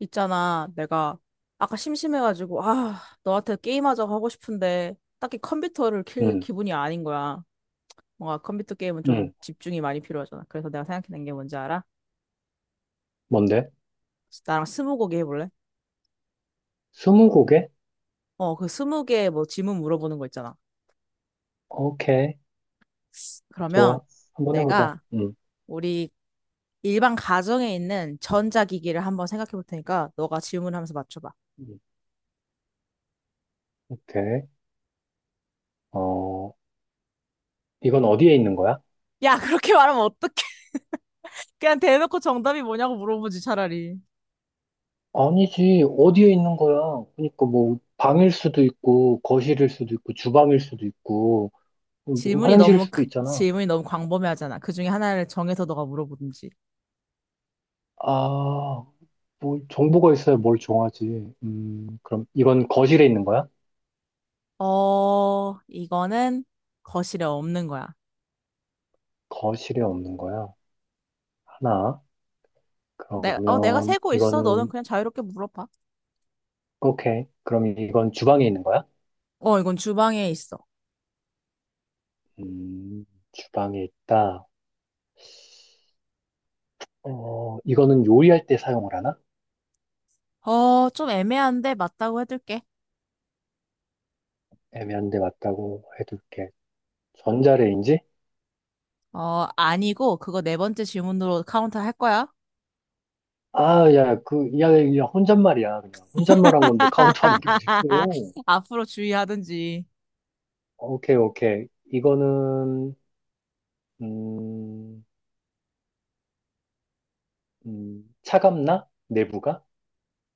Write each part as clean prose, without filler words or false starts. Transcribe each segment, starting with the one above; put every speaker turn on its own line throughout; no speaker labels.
있잖아, 내가 아까 심심해가지고, 너한테 게임하자고 하고 싶은데, 딱히 컴퓨터를 킬
음,
기분이 아닌 거야. 뭔가 컴퓨터 게임은 좀
음.
집중이 많이 필요하잖아. 그래서 내가 생각해낸 게 뭔지 알아?
뭔데?
나랑 스무고개 해볼래?
스무고개?
그 스무개 뭐 질문 물어보는 거 있잖아.
오케이.
그러면
좋아. 한번 해보자.
내가 우리 일반 가정에 있는 전자기기를 한번 생각해 볼 테니까, 너가 질문하면서 맞춰봐.
음. 오케이. 어, 이건 어디에 있는 거야?
야, 그렇게 말하면 어떡해. 그냥 대놓고 정답이 뭐냐고 물어보지, 차라리.
아니지. 어디에 있는 거야? 그러니까 뭐, 방일 수도 있고, 거실일 수도 있고, 주방일 수도 있고, 뭐 화장실일 수도 있잖아.
질문이 너무 광범위하잖아. 그 중에 하나를 정해서 너가 물어보든지.
아, 뭐, 정보가 있어야 뭘 정하지. 그럼 이건 거실에 있는 거야?
이거는 거실에 없는 거야.
거실에 없는 거야. 하나.
내가
그러면
세고 있어. 너는
이거는,
그냥 자유롭게 물어봐.
오케이. 그럼 이건 주방에 있는 거야?
이건 주방에 있어.
음, 주방에 있다. 이거는 요리할 때 사용을 하나?
좀 애매한데 맞다고 해둘게.
애매한데 맞다고 해둘게. 전자레인지?
아니고 그거 네 번째 질문으로 카운트 할 거야.
아, 야, 야, 야, 혼잣말이야, 그냥. 혼잣말한 건데 카운트하는 게 어딨어.
앞으로 주의하든지.
오케이, 오케이. 이거는, 음, 차갑나? 내부가?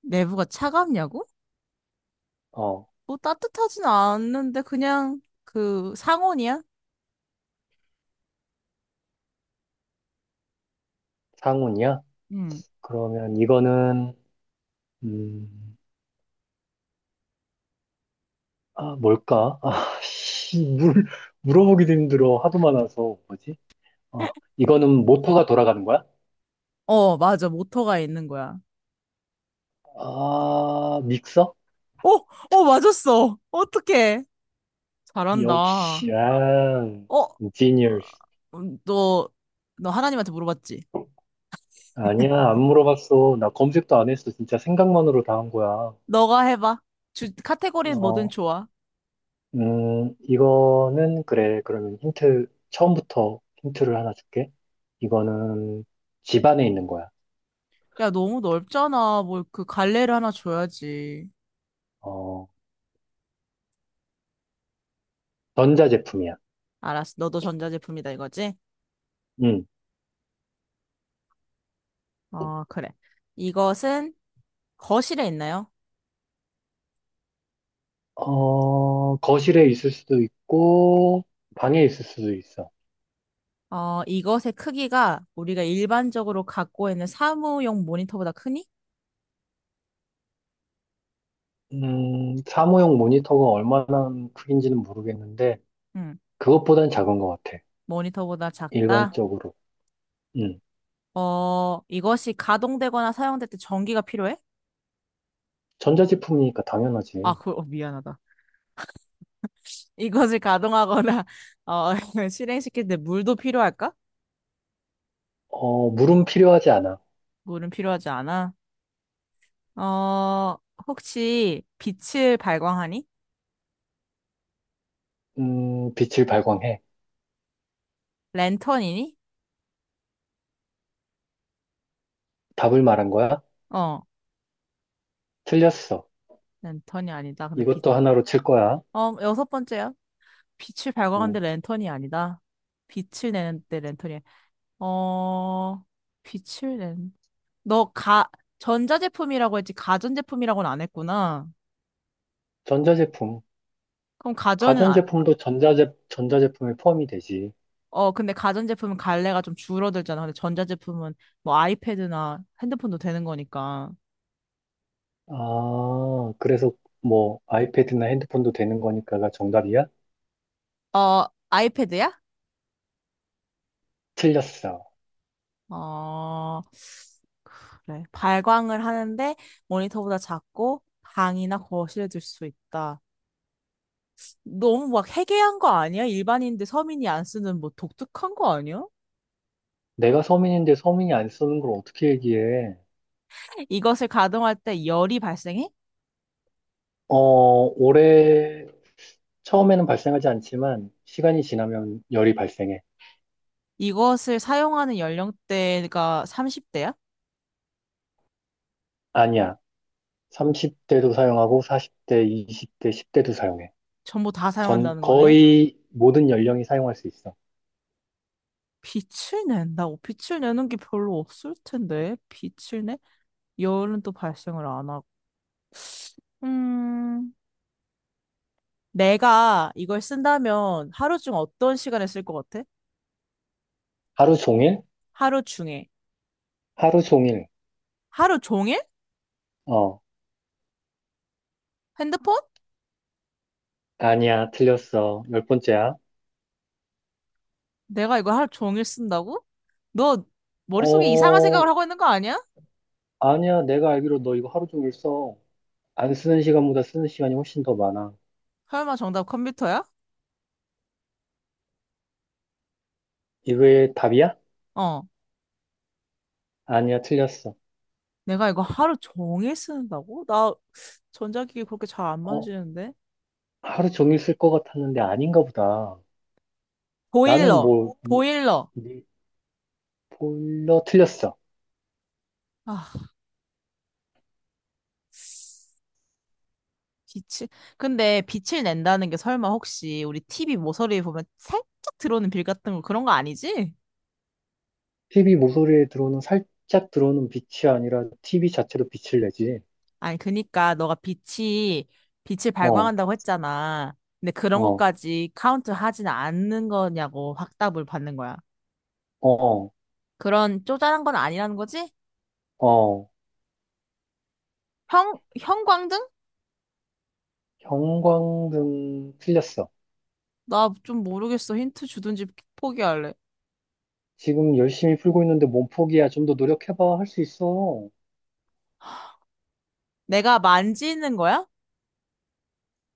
내부가 차갑냐고?
어,
뭐 따뜻하진 않는데 그냥 그 상온이야?
상온이야?
응.
그러면 이거는, 음, 아, 뭘까? 아, 씨, 물어보기도 힘들어. 하도 많아서. 뭐지? 어, 이거는 모터가 돌아가는 거야?
맞아. 모터가 있는 거야.
아, 믹서?
어, 맞았어. 어떡해. 잘한다.
역시, 아,
어,
genius.
음, 너, 너 하나님한테 물어봤지?
아니야, 안 물어봤어. 나 검색도 안 했어. 진짜 생각만으로 다 한 거야.
너가 해봐. 카테고리는 뭐든
어,
좋아.
이거는, 그래. 그러면 힌트, 처음부터 힌트를 하나 줄게. 이거는 집 안에 있는 거야.
야, 너무 넓잖아. 뭘 그 갈래를 하나 줘야지.
어, 전자제품이야.
알았어. 너도 전자제품이다 이거지?
응.
그래. 이것은 거실에 있나요?
거실에 있을 수도 있고, 방에 있을 수도 있어.
이것의 크기가 우리가 일반적으로 갖고 있는 사무용 모니터보다 크니?
사무용 모니터가 얼마나 크긴지는 모르겠는데,
응.
그것보단 작은 것 같아.
모니터보다 작다?
일반적으로. 음.
이것이 가동되거나 사용될 때 전기가 필요해?
전자제품이니까 당연하지.
미안하다. 이것을 가동하거나, 어, 실행시킬 때 물도 필요할까?
물음 필요하지 않아.
물은 필요하지 않아. 어, 혹시 빛을 발광하니?
빛을 발광해.
랜턴이니?
답을 말한 거야?
어,
틀렸어.
랜턴이 아니다.
이것도 하나로 칠 거야.
여섯 번째야. 빛을 발광하는데
음.
랜턴이 아니다. 빛을 내는데 랜턴이, 어, 빛을 낸, 너 가, 전자제품이라고 했지, 가전제품이라고는 안 했구나.
전자제품.
그럼 가전은
가전제품도 전자제품에 포함이 되지.
근데 가전제품은 갈래가 좀 줄어들잖아. 근데 전자제품은 뭐 아이패드나 핸드폰도 되는 거니까.
아, 그래서 뭐 아이패드나 핸드폰도 되는 거니까가 정답이야?
아이패드야?
틀렸어.
어, 그래. 발광을 하는데 모니터보다 작고 방이나 거실에 둘 수 있다. 너무 막 해괴한 거 아니야? 일반인들 서민이 안 쓰는 뭐 독특한 거 아니야?
내가 서민인데 서민이 안 쓰는 걸 어떻게 얘기해?
이것을 가동할 때 열이 발생해?
어, 올해 처음에는 발생하지 않지만 시간이 지나면 열이 발생해.
이것을 사용하는 연령대가 30대야?
아니야. 30대도 사용하고 40대, 20대, 10대도 사용해.
전부 다
전
사용한다는 거네.
거의 모든 연령이 사용할 수 있어.
빛을 낸다고? 빛을 내는 게 별로 없을 텐데. 빛을 내? 열은 또 발생을 안 하고. 음, 내가 이걸 쓴다면 하루 중 어떤 시간에 쓸 것 같아?
하루 종일?
하루 중에.
하루 종일.
하루 종일?
어,
핸드폰?
아니야. 틀렸어. 열 번째야.
내가 이거 하루 종일 쓴다고? 너 머릿속에 이상한 생각을
어,
하고 있는 거 아니야?
아니야. 내가 알기로 너 이거 하루 종일 써. 안 쓰는 시간보다 쓰는 시간이 훨씬 더 많아.
설마 정답 컴퓨터야?
이거의 답이야?
어.
아니야. 틀렸어.
내가 이거 하루 종일 쓰는다고? 나 전자기기 그렇게 잘 안
어,
만지는데.
하루 종일 쓸 것 같았는데 아닌가 보다. 나는
보일러.
뭐,
보일러.
니 보일러 틀렸어.
아. 빛을 근데 빛을 낸다는 게 설마 혹시 우리 TV 모서리에 보면 살짝 들어오는 빌 같은 거 그런 거 아니지?
TV 모서리에 들어오는 살짝 들어오는 빛이 아니라 TV 자체로 빛을 내지.
아니 그니까 너가 빛이 빛을
어,
발광한다고 했잖아. 근데 그런
어,
것까지 카운트 하진 않는 거냐고 확답을 받는 거야.
어,
그런 쪼잔한 건 아니라는 거지?
어.
형 형광등?
형광등 틀렸어.
나 좀 모르겠어. 힌트 주든지 포기할래.
지금 열심히 풀고 있는데 몸 포기야. 좀 더 노력해봐. 할 수 있어.
내가 만지는 거야?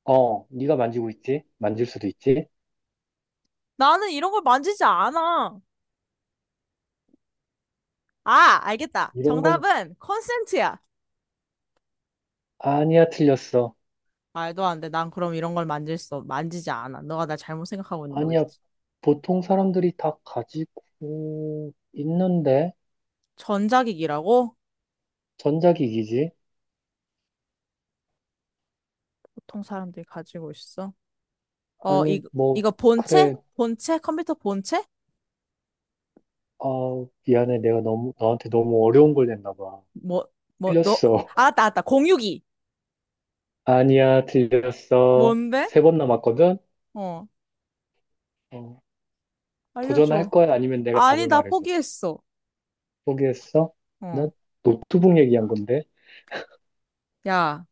네가 만지고 있지? 만질 수도 있지?
나는 이런 걸 만지지 않아. 아, 알겠다.
이런 걸,
정답은 콘센트야.
아니야, 틀렸어.
말도 안 돼. 난 그럼 이런 걸 만질 수, 없- 만지지 않아. 너가 나 잘못 생각하고 있는
아니야.
거겠지.
보통 사람들이 다 가지고 있는데
전자기기라고?
전자기기지?
보통 사람들이 가지고 있어. 어,
아니
이,
뭐
이거 본체?
그래.
본체? 컴퓨터 본체?
미안해. 내가 너무, 너한테 너무 어려운 걸 냈나 봐.
뭐, 뭐, 너,
틀렸어.
알았다, 알았다. 공유기.
아니야, 틀렸어.
뭔데?
세 번 남았거든?
어,
어, 도전할
알려줘.
거야? 아니면 내가
아니,
답을
나
말해줘.
포기했어.
포기했어?
어,
나 노트북 얘기한 건데.
야,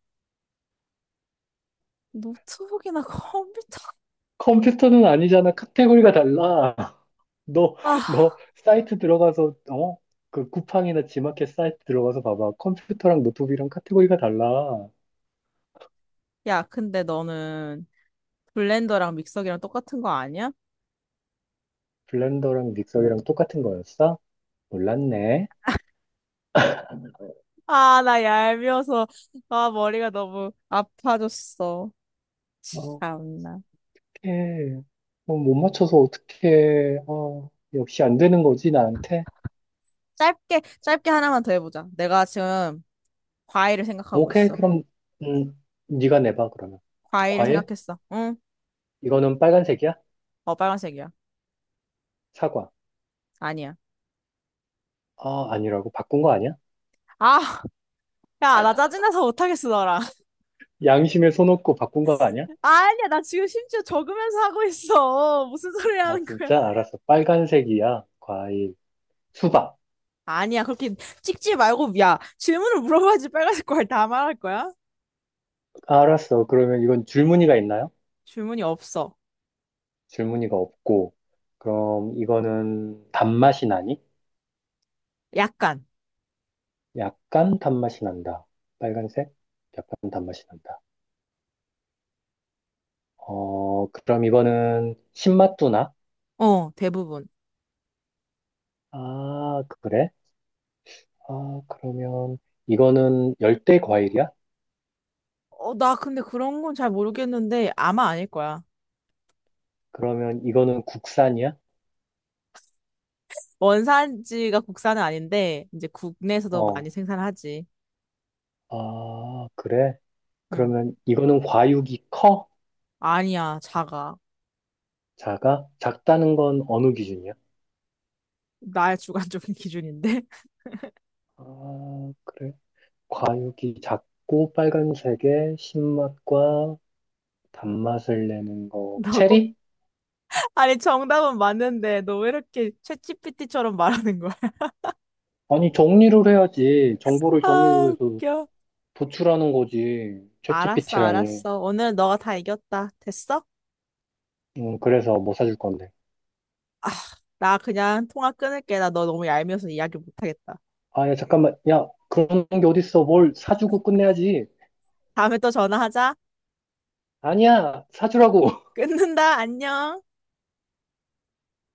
노트북이나 컴퓨터.
컴퓨터는 아니잖아. 카테고리가 달라. 너, 너
아,
사이트 들어가서, 어? 그 쿠팡이나 지마켓 사이트 들어가서 봐봐. 컴퓨터랑 노트북이랑 카테고리가 달라.
근데 너는 블렌더랑 믹서기랑 똑같은 거 아니야?
블렌더랑 믹서기랑 똑같은 거였어? 몰랐네.
나 얄미워서, 아, 머리가 너무 아파졌어.
어,
참나.
예, 못 맞춰서 어떻게, 역시 안 되는 거지, 나한테?
짧게, 짧게 하나만 더 해보자. 내가 지금 과일을 생각하고
오케이,
있어.
그럼, 음, 네가 내봐, 그러면.
과일을
과일?
생각했어. 응?
이거는 빨간색이야?
빨간색이야.
사과.
아니야.
아, 아니라고. 바꾼 거 아니야?
아, 야, 나 짜증나서 못하겠어, 너랑.
양심에 손 얹고 바꾼 거 아니야?
아니야, 나 지금 심지어 적으면서 하고 있어. 무슨 소리
아,
하는 거야?
진짜? 알았어. 빨간색이야. 과일. 수박.
아니야, 그렇게 찍지 말고, 야, 질문을 물어봐야지 빨간색 과일 다 말할 거야?
아, 알았어. 그러면 이건 줄무늬가 있나요?
질문이 없어.
줄무늬가 없고. 그럼 이거는 단맛이 나니?
약간.
약간 단맛이 난다. 빨간색? 약간 단맛이 난다. 그럼 이거는 신맛두나?
대부분.
아, 그래? 아, 그러면 이거는 열대 과일이야?
나 근데 그런 건 잘 모르겠는데, 아마 아닐 거야.
그러면 이거는 국산이야?
원산지가 국산은 아닌데 이제 국내에서도
어,
많이 생산하지.
아, 그래?
응.
그러면 이거는 과육이 커?
아니야, 작아.
작아? 작다는 건 어느 기준이야?
나의 주관적인 기준인데.
아, 그래? 과육이 작고 빨간색에 신맛과 단맛을 내는 거.
너 꼭,
체리?
아니 정답은 맞는데 너 왜 이렇게 챗GPT처럼 말하는 거야?
아니, 정리를 해야지. 정보를 정리를
아,
해서
웃겨.
도출하는 거지.
알았어,
챗GPT라니.
알았어. 오늘 너가 다 이겼다. 됐어?
그래서 못 사줄 건데.
아, 나 그냥 통화 끊을게. 나 너 너무 얄미워서 이야기 못하겠다.
아, 야, 잠깐만. 야, 그런 게 어딨어. 뭘 사주고 끝내야지.
다음에 또 전화하자.
아니야, 사주라고.
끊는다. 안녕.